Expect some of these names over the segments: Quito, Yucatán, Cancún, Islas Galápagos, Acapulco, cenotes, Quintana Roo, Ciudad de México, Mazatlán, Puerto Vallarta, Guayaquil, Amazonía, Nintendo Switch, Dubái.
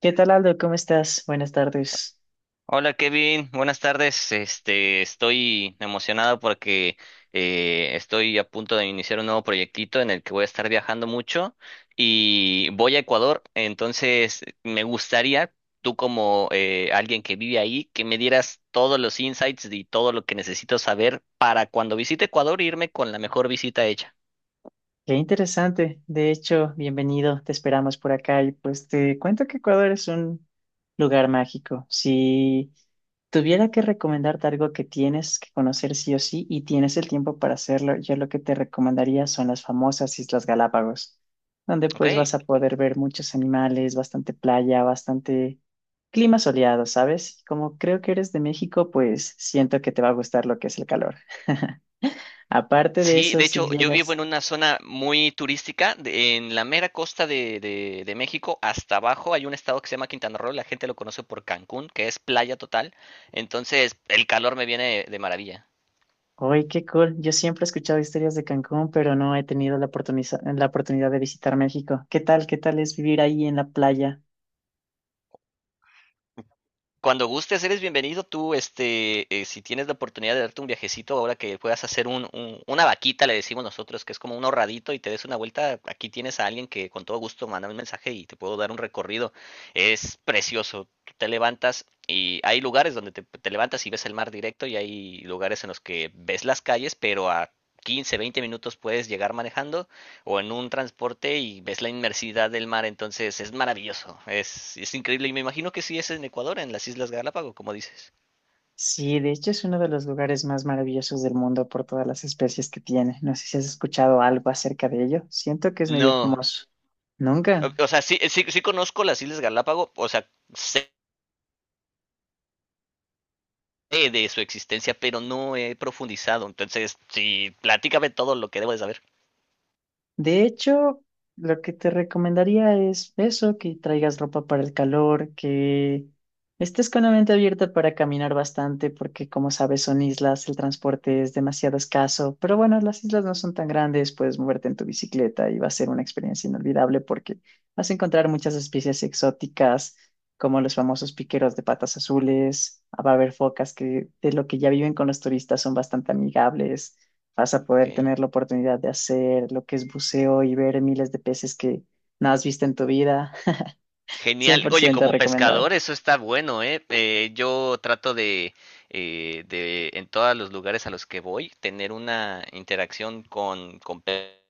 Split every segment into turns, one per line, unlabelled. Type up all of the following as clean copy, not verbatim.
¿Qué tal, Aldo? ¿Cómo estás? Buenas tardes.
Hola Kevin, buenas tardes. Estoy emocionado porque estoy a punto de iniciar un nuevo proyectito en el que voy a estar viajando mucho y voy a Ecuador. Entonces, me gustaría, tú como alguien que vive ahí, que me dieras todos los insights y todo lo que necesito saber para cuando visite Ecuador irme con la mejor visita hecha.
Qué interesante. De hecho, bienvenido. Te esperamos por acá y pues te cuento que Ecuador es un lugar mágico. Si tuviera que recomendarte algo que tienes que conocer sí o sí y tienes el tiempo para hacerlo, yo lo que te recomendaría son las famosas Islas Galápagos, donde
¿Ok?
pues vas a poder ver muchos animales, bastante playa, bastante clima soleado, ¿sabes? Como creo que eres de México, pues siento que te va a gustar lo que es el calor. Aparte de
Sí,
eso,
de
si
hecho, yo vivo
llegas,
en una zona muy turística, en la mera costa de México. Hasta abajo hay un estado que se llama Quintana Roo, la gente lo conoce por Cancún, que es playa total, entonces el calor me viene de maravilla.
¡ay, qué cool! Yo siempre he escuchado historias de Cancún, pero no he tenido la la oportunidad de visitar México. ¿Qué tal? ¿Qué tal es vivir ahí en la playa?
Cuando gustes, eres bienvenido. Tú, si tienes la oportunidad de darte un viajecito, ahora que puedas hacer una vaquita, le decimos nosotros, que es como un ahorradito, y te des una vuelta, aquí tienes a alguien que con todo gusto manda un mensaje y te puedo dar un recorrido. Es precioso. Tú te levantas y hay lugares donde te levantas y ves el mar directo, y hay lugares en los que ves las calles, pero a 15, 20 minutos puedes llegar manejando o en un transporte y ves la inmersidad del mar. Entonces es maravilloso, es increíble, y me imagino que sí es en Ecuador, en las Islas Galápagos, como dices.
Sí, de hecho es uno de los lugares más maravillosos del mundo por todas las especies que tiene. No sé si has escuchado algo acerca de ello. Siento que es medio
No,
famoso.
o,
Nunca.
o sea, sí, sí, sí conozco las Islas Galápagos, o sea, sé de su existencia, pero no he profundizado, entonces sí, platícame todo lo que debo de saber.
De hecho, lo que te recomendaría es eso, que traigas ropa para el calor, que estés con la mente abierta para caminar bastante, porque como sabes son islas, el transporte es demasiado escaso, pero bueno, las islas no son tan grandes, puedes moverte en tu bicicleta y va a ser una experiencia inolvidable porque vas a encontrar muchas especies exóticas, como los famosos piqueros de patas azules, va a haber focas que de lo que ya viven con los turistas son bastante amigables. Vas a
Ok.
poder tener la oportunidad de hacer lo que es buceo y ver miles de peces que no has visto en tu vida. cien
Genial.
por
Oye,
ciento
como
recomendado.
pescador eso está bueno, ¿eh? Yo trato de, En todos los lugares a los que voy, tener una interacción con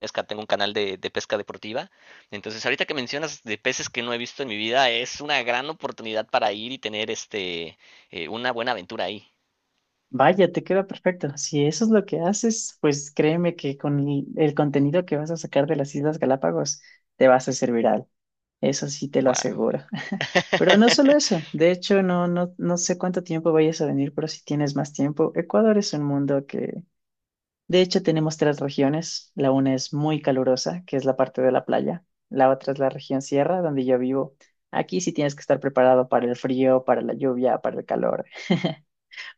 pesca. Tengo un canal de pesca deportiva. Entonces, ahorita que mencionas de peces que no he visto en mi vida, es una gran oportunidad para ir y tener una buena aventura ahí.
Vaya, te queda perfecto. Si eso es lo que haces, pues créeme que con el contenido que vas a sacar de las Islas Galápagos te vas a hacer viral. Eso sí te lo
Wow.
aseguro. Pero no solo eso. De hecho, no, no, no sé cuánto tiempo vayas a venir, pero si tienes más tiempo, Ecuador es un mundo que de hecho, tenemos tres regiones. La una es muy calurosa, que es la parte de la playa. La otra es la región sierra, donde yo vivo. Aquí sí tienes que estar preparado para el frío, para la lluvia, para el calor,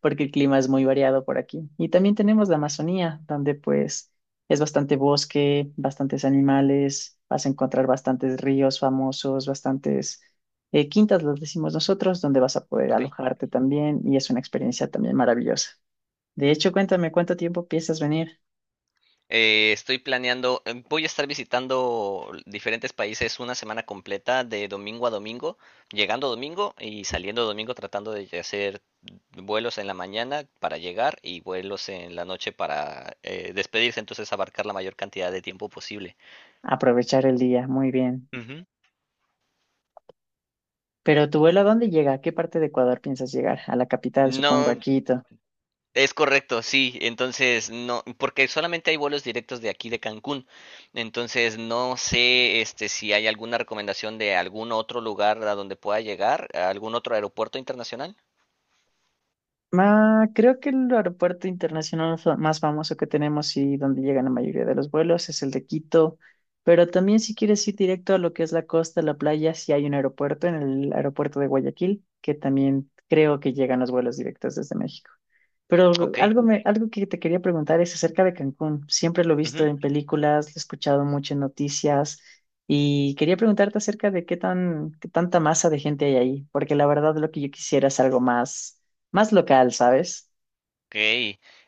porque el clima es muy variado por aquí. Y también tenemos la Amazonía, donde pues es bastante bosque, bastantes animales, vas a encontrar bastantes ríos famosos, bastantes quintas, los decimos nosotros, donde vas a poder
ok.
alojarte también y es una experiencia también maravillosa. De hecho, cuéntame, ¿cuánto tiempo piensas venir?
Estoy planeando, voy a estar visitando diferentes países una semana completa de domingo a domingo, llegando domingo y saliendo domingo, tratando de hacer vuelos en la mañana para llegar y vuelos en la noche para despedirse, entonces abarcar la mayor cantidad de tiempo posible.
Aprovechar el día, muy bien.
Uh -huh.
Pero tu vuelo, ¿a dónde llega? ¿A qué parte de Ecuador piensas llegar? A la capital, supongo, a
No,
Quito.
es correcto, sí. Entonces, no, porque solamente hay vuelos directos de aquí de Cancún. Entonces, no sé, si hay alguna recomendación de algún otro lugar a donde pueda llegar, a algún otro aeropuerto internacional.
Ah, creo que el aeropuerto internacional más famoso que tenemos y donde llegan la mayoría de los vuelos es el de Quito, pero también si quieres ir directo a lo que es la costa, la playa, sí hay un aeropuerto en el aeropuerto de Guayaquil, que también creo que llegan los vuelos directos desde México. Pero
Ok.
algo que te quería preguntar es acerca de Cancún. Siempre lo he visto en películas, lo he escuchado mucho en noticias y quería preguntarte acerca de qué tanta masa de gente hay ahí, porque la verdad lo que yo quisiera es algo más más local, ¿sabes?
Ok,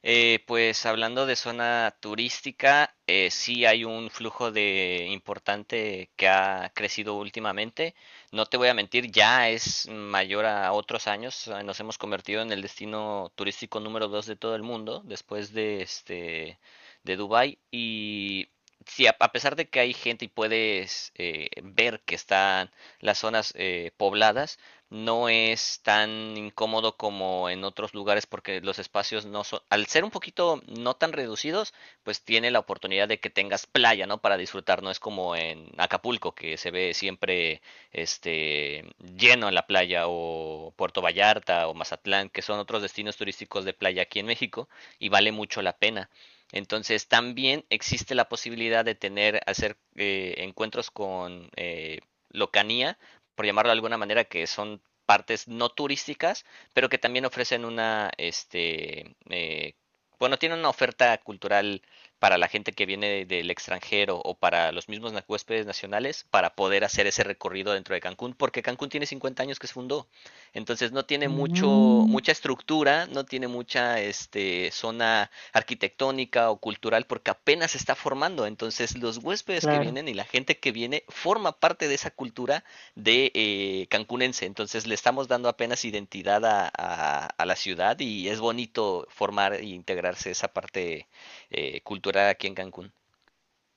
pues hablando de zona turística, sí hay un flujo de importante que ha crecido últimamente. No te voy a mentir, ya es mayor a otros años. Nos hemos convertido en el destino turístico número dos de todo el mundo, después de de Dubái. Y sí, a pesar de que hay gente y puedes ver que están las zonas pobladas, no es tan incómodo como en otros lugares porque los espacios no son, al ser un poquito no tan reducidos, pues tiene la oportunidad de que tengas playa, ¿no? Para disfrutar, no es como en Acapulco que se ve siempre este lleno en la playa, o Puerto Vallarta o Mazatlán, que son otros destinos turísticos de playa aquí en México, y vale mucho la pena. Entonces también existe la posibilidad de tener, hacer encuentros con locanía, por llamarlo de alguna manera, que son partes no turísticas, pero que también ofrecen una, tienen una oferta cultural para la gente que viene del extranjero o para los mismos huéspedes nacionales, para poder hacer ese recorrido dentro de Cancún, porque Cancún tiene 50 años que se fundó. Entonces no tiene
Mm,
mucha estructura, no tiene mucha zona arquitectónica o cultural porque apenas se está formando. Entonces los huéspedes que
claro,
vienen y la gente que viene forma parte de esa cultura de cancunense. Entonces le estamos dando apenas identidad a, la ciudad, y es bonito formar e integrarse esa parte cultural aquí en Cancún.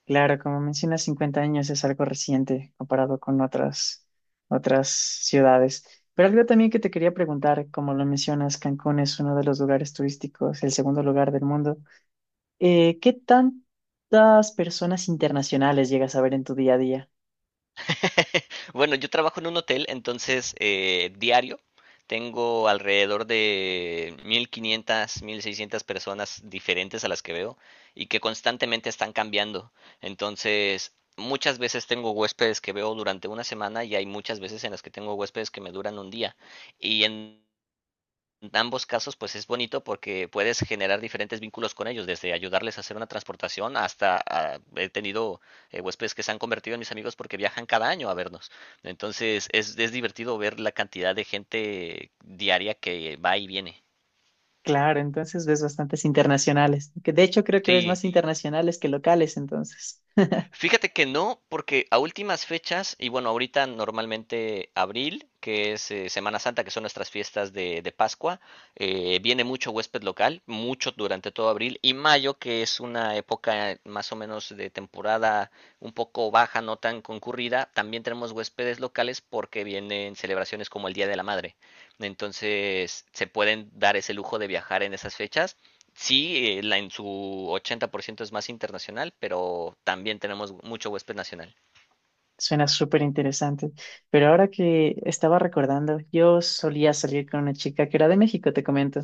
claro, como mencionas, 50 años es algo reciente comparado con otras, otras ciudades. Pero algo también que te quería preguntar, como lo mencionas, Cancún es uno de los lugares turísticos, el segundo lugar del mundo. ¿Qué tantas personas internacionales llegas a ver en tu día a día?
bueno, yo trabajo en un hotel, entonces diario tengo alrededor de 1,500, 1,600 personas diferentes a las que veo y que constantemente están cambiando. Entonces, muchas veces tengo huéspedes que veo durante una semana, y hay muchas veces en las que tengo huéspedes que me duran un día. Y en En ambos casos, pues es bonito porque puedes generar diferentes vínculos con ellos, desde ayudarles a hacer una transportación hasta ah, he tenido huéspedes que se han convertido en mis amigos porque viajan cada año a vernos. Entonces es divertido ver la cantidad de gente diaria que va y viene.
Claro, entonces ves bastantes internacionales, que de hecho creo que ves
Sí,
más internacionales que locales, entonces.
fíjate que no, porque a últimas fechas, y bueno, ahorita normalmente abril, que es Semana Santa, que son nuestras fiestas de Pascua, viene mucho huésped local, mucho durante todo abril, y mayo, que es una época más o menos de temporada un poco baja, no tan concurrida, también tenemos huéspedes locales porque vienen celebraciones como el Día de la Madre. Entonces, se pueden dar ese lujo de viajar en esas fechas. Sí, en su 80% es más internacional, pero también tenemos mucho huésped nacional.
Suena súper interesante. Pero ahora que estaba recordando, yo solía salir con una chica que era de México, te comento.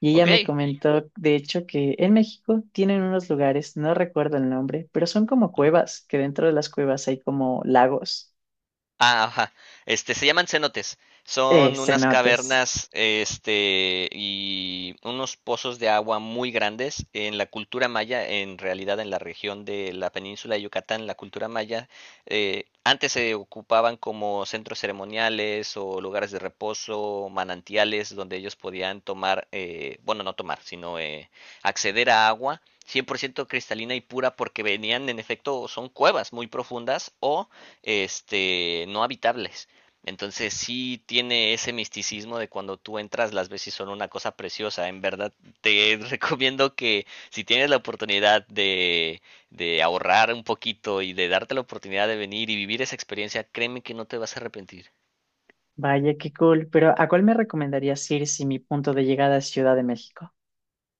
Y ella
Ok.
me comentó, de hecho, que en México tienen unos lugares, no recuerdo el nombre, pero son como
Ujú.
cuevas, que dentro de las cuevas hay como lagos,
Ah, ajá. Se llaman cenotes. Son unas
cenotes.
cavernas, y unos pozos de agua muy grandes. En la cultura maya, en realidad en la región de la península de Yucatán, la cultura maya, antes se ocupaban como centros ceremoniales o lugares de reposo, manantiales, donde ellos podían tomar, no tomar, sino acceder a agua 100% cristalina y pura, porque venían, en efecto, son cuevas muy profundas o no habitables. Entonces sí tiene ese misticismo de cuando tú entras, las veces son una cosa preciosa. En verdad te recomiendo que si tienes la oportunidad de ahorrar un poquito y de darte la oportunidad de venir y vivir esa experiencia, créeme que no te vas a arrepentir.
Vaya, qué cool. Pero ¿a cuál me recomendarías ir si mi punto de llegada es Ciudad de México?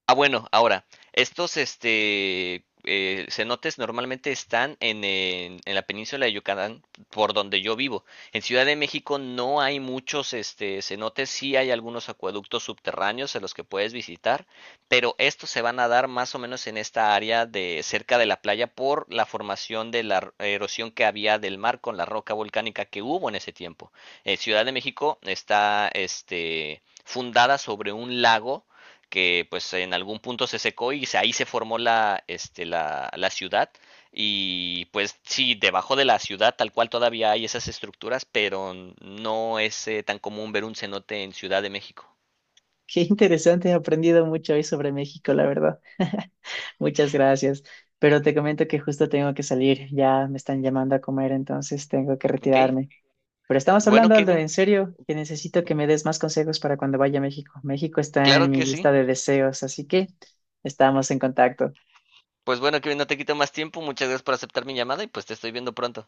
Ah, bueno, estos cenotes normalmente están en la península de Yucatán, por donde yo vivo. En Ciudad de México no hay muchos cenotes, sí hay algunos acueductos subterráneos en los que puedes visitar, pero estos se van a dar más o menos en esta área de cerca de la playa por la formación de la erosión que había del mar con la roca volcánica que hubo en ese tiempo. Ciudad de México está fundada sobre un lago que pues en algún punto se secó y ahí se formó la ciudad. Y pues sí, debajo de la ciudad tal cual todavía hay esas estructuras, pero no es tan común ver un cenote en Ciudad de México.
Qué interesante, he aprendido mucho hoy sobre México, la verdad. Muchas gracias. Pero te comento que justo tengo que salir. Ya me están llamando a comer, entonces tengo que
¿Ok?
retirarme. Pero estamos
Bueno,
hablando, Aldo,
Kevin,
en serio, que necesito que me des más consejos para cuando vaya a México. México está en
claro
mi
que sí.
lista de deseos, así que estamos en contacto.
Pues bueno, Kevin, no te quito más tiempo. Muchas gracias por aceptar mi llamada y pues te estoy viendo pronto.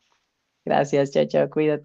Gracias, chao, chao, cuídate.